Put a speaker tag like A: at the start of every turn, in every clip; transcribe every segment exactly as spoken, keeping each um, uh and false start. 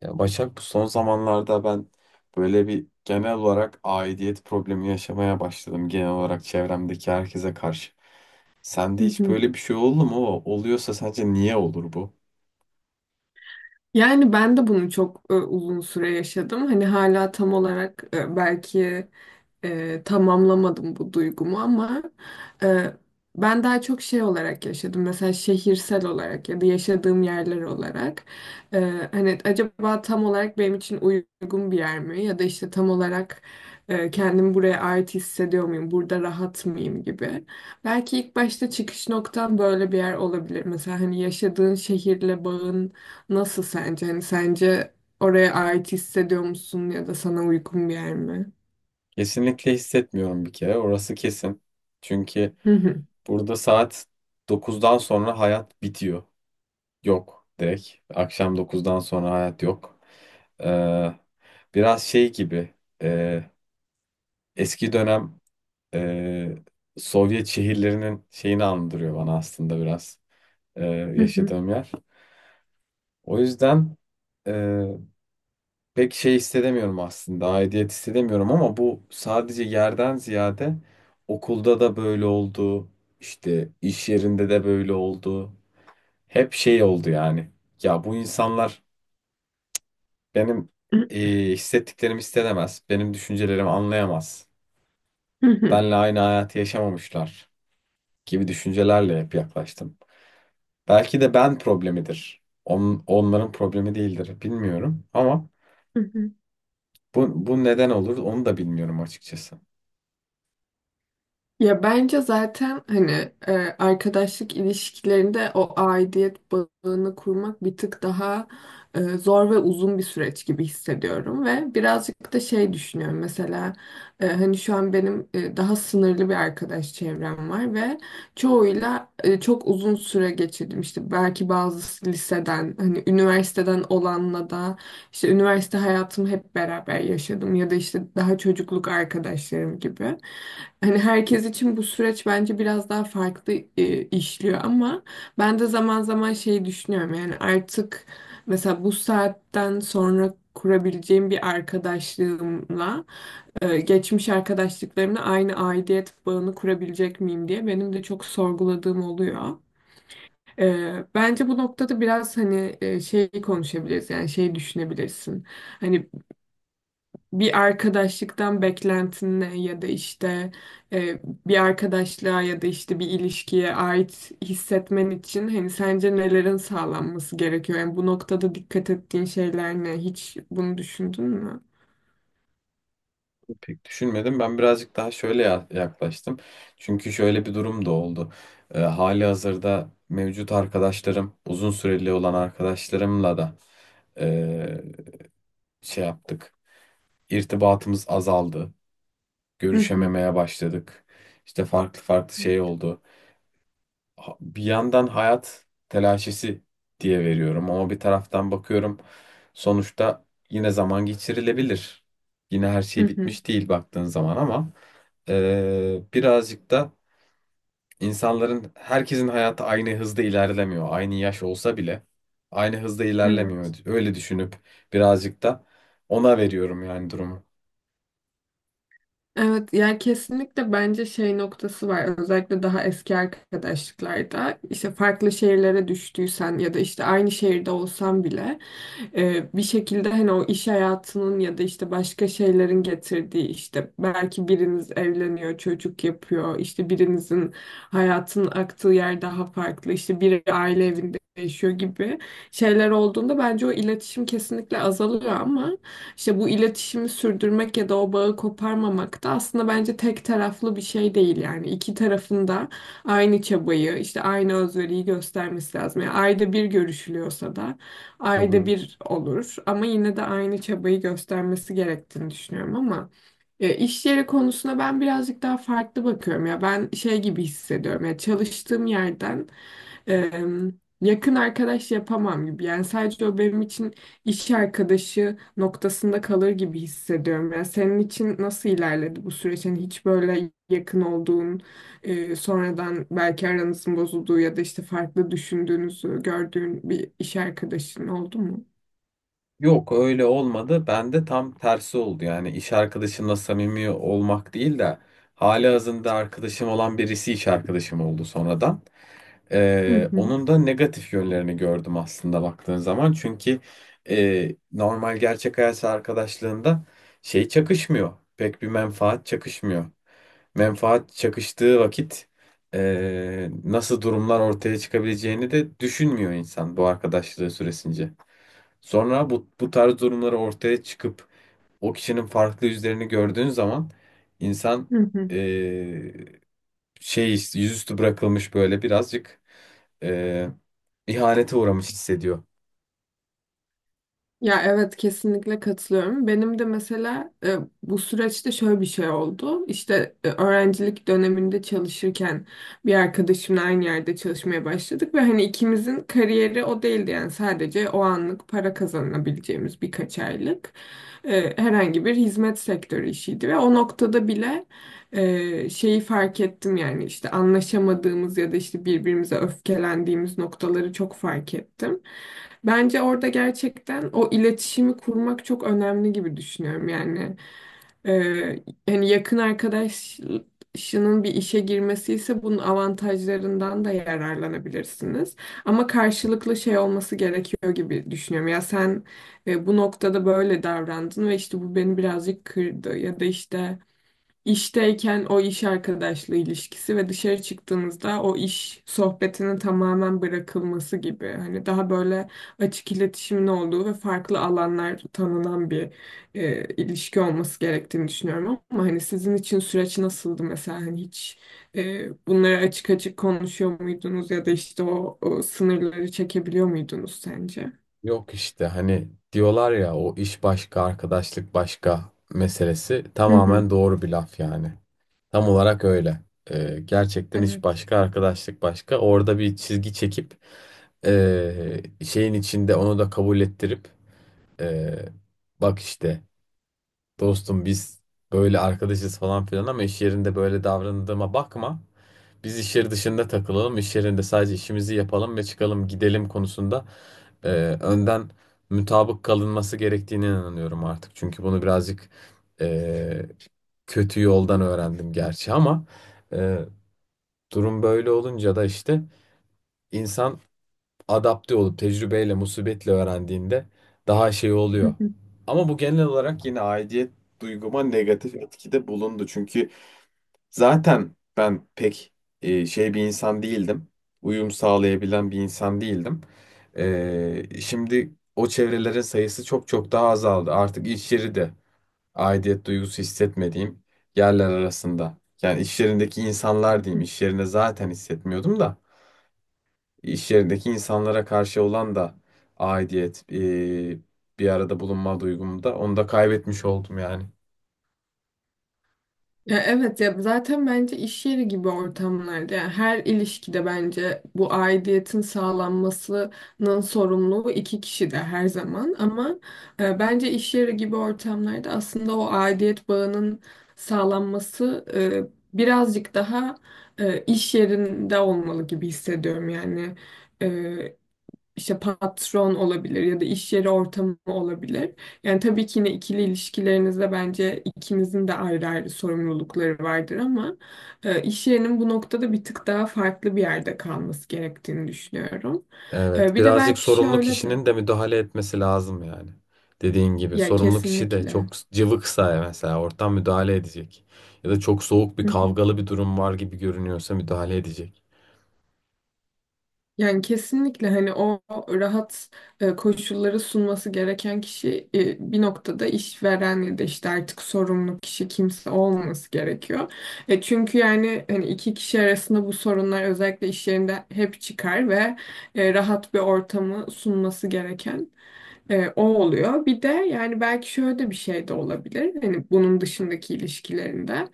A: Ya Başak bu son zamanlarda ben böyle bir genel olarak aidiyet problemi yaşamaya başladım genel olarak çevremdeki herkese karşı.
B: Hı
A: Sende hiç
B: hı.
A: böyle bir şey oldu mu? Oluyorsa sence niye olur bu?
B: Yani ben de bunu çok e, uzun süre yaşadım. Hani hala tam olarak e, belki e, tamamlamadım bu duygumu ama e, ben daha çok şey olarak yaşadım. Mesela şehirsel olarak ya da yaşadığım yerler olarak. E, hani acaba tam olarak benim için uygun bir yer mi? Ya da işte tam olarak e, kendimi buraya ait hissediyor muyum? Burada rahat mıyım gibi. Belki ilk başta çıkış noktam böyle bir yer olabilir. Mesela hani yaşadığın şehirle bağın nasıl sence? Hani sence oraya ait hissediyor musun ya da sana uygun bir yer mi?
A: Kesinlikle hissetmiyorum bir kere orası kesin. Çünkü
B: Hı hı,
A: burada saat dokuzdan sonra hayat bitiyor. Yok direkt. Akşam dokuzdan sonra hayat yok. Ee, biraz şey gibi e, eski dönem e, Sovyet şehirlerinin şeyini andırıyor bana aslında biraz e,
B: hı hı,
A: yaşadığım yer. O yüzden e, pek şey hissedemiyorum aslında, aidiyet hissedemiyorum ama bu sadece yerden ziyade okulda da böyle oldu, işte iş yerinde de böyle oldu. Hep şey oldu yani. Ya bu insanlar benim
B: hı
A: e, hissettiklerimi hissedemez, benim düşüncelerimi anlayamaz.
B: hı,
A: Benle aynı hayatı yaşamamışlar gibi düşüncelerle hep yaklaştım. Belki de ben problemidir. On, onların problemi değildir. Bilmiyorum ama
B: hı hı.
A: bu, bu neden olur onu da bilmiyorum açıkçası.
B: Ya bence zaten hani e, arkadaşlık ilişkilerinde o aidiyet bağını kurmak bir tık daha e, zor ve uzun bir süreç gibi hissediyorum ve birazcık da şey düşünüyorum mesela e, hani şu an benim e, daha sınırlı bir arkadaş çevrem var ve çoğuyla e, çok uzun süre geçirdim işte belki bazı liseden hani üniversiteden olanla da işte üniversite hayatımı hep beraber yaşadım ya da işte daha çocukluk arkadaşlarım gibi. Hani herkes için bu süreç bence biraz daha farklı e, işliyor ama ben de zaman zaman şey düşünüyorum yani artık mesela bu saatten sonra kurabileceğim bir arkadaşlığımla e, geçmiş arkadaşlıklarımla aynı aidiyet bağını kurabilecek miyim diye benim de çok sorguladığım oluyor. Ee, bence bu noktada biraz hani e, şey konuşabiliriz yani şey düşünebilirsin. Hani bir arkadaşlıktan beklentin ne ya da işte e, bir arkadaşlığa ya da işte bir ilişkiye ait hissetmen için hani sence nelerin sağlanması gerekiyor? Yani bu noktada dikkat ettiğin şeyler ne? Hiç bunu düşündün mü?
A: Pek düşünmedim. Ben birazcık daha şöyle ya- yaklaştım. Çünkü şöyle bir durum da oldu. Ee, hali hazırda mevcut arkadaşlarım, uzun süreli olan arkadaşlarımla da e, şey yaptık. İrtibatımız azaldı.
B: Hı hı.
A: Görüşememeye başladık. İşte farklı farklı şey oldu. ha- bir yandan hayat telaşesi diye veriyorum ama bir taraftan bakıyorum sonuçta yine zaman geçirilebilir. Yine her
B: Hı
A: şey
B: hı.
A: bitmiş değil baktığın zaman ama eee, birazcık da insanların herkesin hayatı aynı hızda ilerlemiyor. Aynı yaş olsa bile aynı hızda ilerlemiyor. Öyle düşünüp birazcık da ona veriyorum yani durumu.
B: Evet yani kesinlikle bence şey noktası var, özellikle daha eski arkadaşlıklarda işte farklı şehirlere düştüysen ya da işte aynı şehirde olsan bile e, bir şekilde hani o iş hayatının ya da işte başka şeylerin getirdiği işte belki biriniz evleniyor, çocuk yapıyor, işte birinizin hayatının aktığı yer daha farklı, işte biri aile evinde yaşıyor gibi şeyler olduğunda bence o iletişim kesinlikle azalıyor ama işte bu iletişimi sürdürmek ya da o bağı koparmamak da aslında bence tek taraflı bir şey değil, yani iki tarafında aynı çabayı işte aynı özveriyi göstermesi lazım. Yani ayda bir görüşülüyorsa da
A: Hı
B: ayda
A: hı.
B: bir olur ama yine de aynı çabayı göstermesi gerektiğini düşünüyorum ama e, iş yeri konusuna ben birazcık daha farklı bakıyorum, ya ben şey gibi hissediyorum, ya çalıştığım yerden Eee, yakın arkadaş yapamam gibi. Yani sadece o benim için iş arkadaşı noktasında kalır gibi hissediyorum. Yani senin için nasıl ilerledi bu süreç? Yani hiç böyle yakın olduğun, eee, sonradan belki aranızın bozulduğu ya da işte farklı düşündüğünüzü gördüğün bir iş arkadaşın oldu mu?
A: Yok öyle olmadı. Bende tam tersi oldu. Yani iş arkadaşımla samimi olmak değil de halihazırda arkadaşım olan birisi iş arkadaşım oldu sonradan.
B: Hı
A: Ee,
B: hı,
A: onun da negatif yönlerini gördüm aslında baktığın zaman. Çünkü e, normal gerçek hayat arkadaşlığında şey çakışmıyor. Pek bir menfaat çakışmıyor. Menfaat çakıştığı vakit e, nasıl durumlar ortaya çıkabileceğini de düşünmüyor insan bu arkadaşlığı süresince. Sonra bu, bu tarz durumları ortaya çıkıp o kişinin farklı yüzlerini gördüğün zaman insan
B: hı hı.
A: eee, şey yüzüstü bırakılmış böyle birazcık eee, ihanete uğramış hissediyor.
B: Ya evet, kesinlikle katılıyorum. Benim de mesela e, bu süreçte şöyle bir şey oldu. İşte e, öğrencilik döneminde çalışırken bir arkadaşımla aynı yerde çalışmaya başladık ve hani ikimizin kariyeri o değildi, yani sadece o anlık para kazanabileceğimiz birkaç aylık e, herhangi bir hizmet sektörü işiydi ve o noktada bile e, şeyi fark ettim, yani işte anlaşamadığımız ya da işte birbirimize öfkelendiğimiz noktaları çok fark ettim. Bence orada gerçekten o iletişimi kurmak çok önemli gibi düşünüyorum. Yani e, yani yakın arkadaşının bir işe girmesi ise bunun avantajlarından da yararlanabilirsiniz. Ama karşılıklı şey olması gerekiyor gibi düşünüyorum. Ya sen e, bu noktada böyle davrandın ve işte bu beni birazcık kırdı ya da işte İşteyken o iş arkadaşlığı ilişkisi ve dışarı çıktığımızda o iş sohbetinin tamamen bırakılması gibi. Hani daha böyle açık iletişimin olduğu ve farklı alanlar tanınan bir e, ilişki olması gerektiğini düşünüyorum. Ama hani sizin için süreç nasıldı mesela? Hani hiç e, bunları açık açık konuşuyor muydunuz ya da işte o, o sınırları çekebiliyor muydunuz sence?
A: Yok işte hani diyorlar ya o iş başka arkadaşlık başka meselesi
B: Hı hı.
A: tamamen doğru bir laf yani. Tam olarak öyle. Ee, gerçekten hiç başka arkadaşlık başka. Orada bir çizgi çekip ee, şeyin içinde onu da kabul ettirip ee, bak işte dostum biz böyle arkadaşız falan filan ama iş yerinde böyle davrandığıma bakma. Biz iş yeri dışında takılalım, iş yerinde sadece işimizi yapalım ve çıkalım, gidelim konusunda e, önden mutabık kalınması gerektiğine inanıyorum artık. Çünkü bunu birazcık e, kötü yoldan öğrendim gerçi ama e, durum böyle olunca da işte insan adapte olup tecrübeyle, musibetle öğrendiğinde daha şey oluyor.
B: Evet.
A: Ama bu genel olarak yine aidiyet duyguma negatif etkide bulundu. Çünkü zaten ben pek e, şey bir insan değildim. Uyum sağlayabilen bir insan değildim. E, şimdi o çevrelerin sayısı çok çok daha azaldı. Artık iş yeri de aidiyet duygusu hissetmediğim yerler arasında. Yani iş yerindeki insanlar diyeyim. İş yerine zaten hissetmiyordum da. İş yerindeki insanlara karşı olan da aidiyet, e, bir arada bulunma duygumu da onu da kaybetmiş oldum yani.
B: Ya evet, ya zaten bence iş yeri gibi ortamlarda, yani her ilişkide bence bu aidiyetin sağlanmasının sorumluluğu iki kişi de her zaman ama e, bence iş yeri gibi ortamlarda aslında o aidiyet bağının sağlanması e, birazcık daha e, iş yerinde olmalı gibi hissediyorum yani. e, işte patron olabilir ya da iş yeri ortamı olabilir. Yani tabii ki yine ikili ilişkilerinizde bence ikinizin de ayrı ayrı sorumlulukları vardır ama e, iş yerinin bu noktada bir tık daha farklı bir yerde kalması gerektiğini düşünüyorum. E,
A: Evet,
B: bir de
A: birazcık
B: belki
A: sorumlu
B: şöyle de.
A: kişinin de müdahale etmesi lazım yani. Dediğin gibi
B: Ya,
A: sorumlu kişi de
B: kesinlikle.
A: çok cıvıksa mesela ortam müdahale edecek. Ya da çok soğuk bir
B: Hı hı.
A: kavgalı bir durum var gibi görünüyorsa müdahale edecek.
B: Yani kesinlikle hani o rahat e, koşulları sunması gereken kişi e, bir noktada işveren ya da işte artık sorumlu kişi kimse olması gerekiyor. E, çünkü yani hani iki kişi arasında bu sorunlar özellikle iş yerinde hep çıkar ve e, rahat bir ortamı sunması gereken. E, o oluyor. Bir de yani belki şöyle de bir şey de olabilir. Hani bunun dışındaki ilişkilerinde.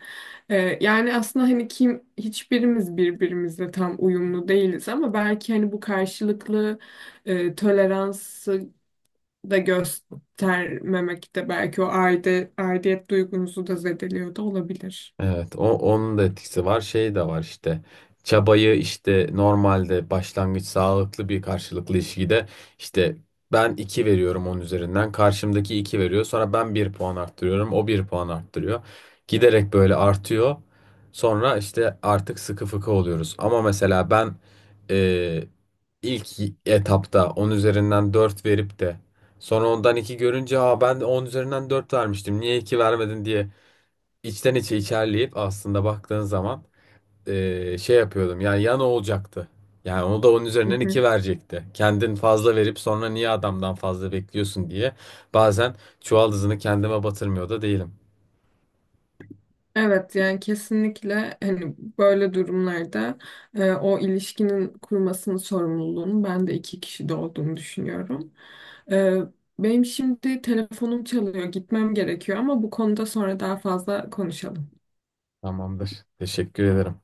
B: E, yani aslında hani kim, hiçbirimiz birbirimizle tam uyumlu değiliz ama belki hani bu karşılıklı e, toleransı da göstermemek de belki o aide, aidiyet duygunuzu da zedeliyor da olabilir.
A: Evet, o, onun da etkisi var. Şey de var işte. Çabayı işte normalde başlangıç sağlıklı bir karşılıklı ilişkide işte ben iki veriyorum onun üzerinden. Karşımdaki iki veriyor. Sonra ben bir puan arttırıyorum. O bir puan arttırıyor. Giderek böyle artıyor. Sonra işte artık sıkı fıkı oluyoruz. Ama mesela ben e, ilk etapta on üzerinden dört verip de sonra ondan iki görünce Aa, ben de on üzerinden dört vermiştim. Niye iki vermedin diye içten içe içerleyip aslında baktığın zaman eee, şey yapıyordum. Yani ya ne olacaktı? Yani onu da onun üzerinden iki verecekti. Kendin fazla verip sonra niye adamdan fazla bekliyorsun diye bazen çuval hızını kendime batırmıyor da değilim.
B: Evet, yani kesinlikle hani böyle durumlarda e, o ilişkinin kurmasının sorumluluğunu ben de iki kişide olduğunu düşünüyorum. E, Benim şimdi telefonum çalıyor, gitmem gerekiyor ama bu konuda sonra daha fazla konuşalım.
A: Tamamdır. Teşekkür ederim.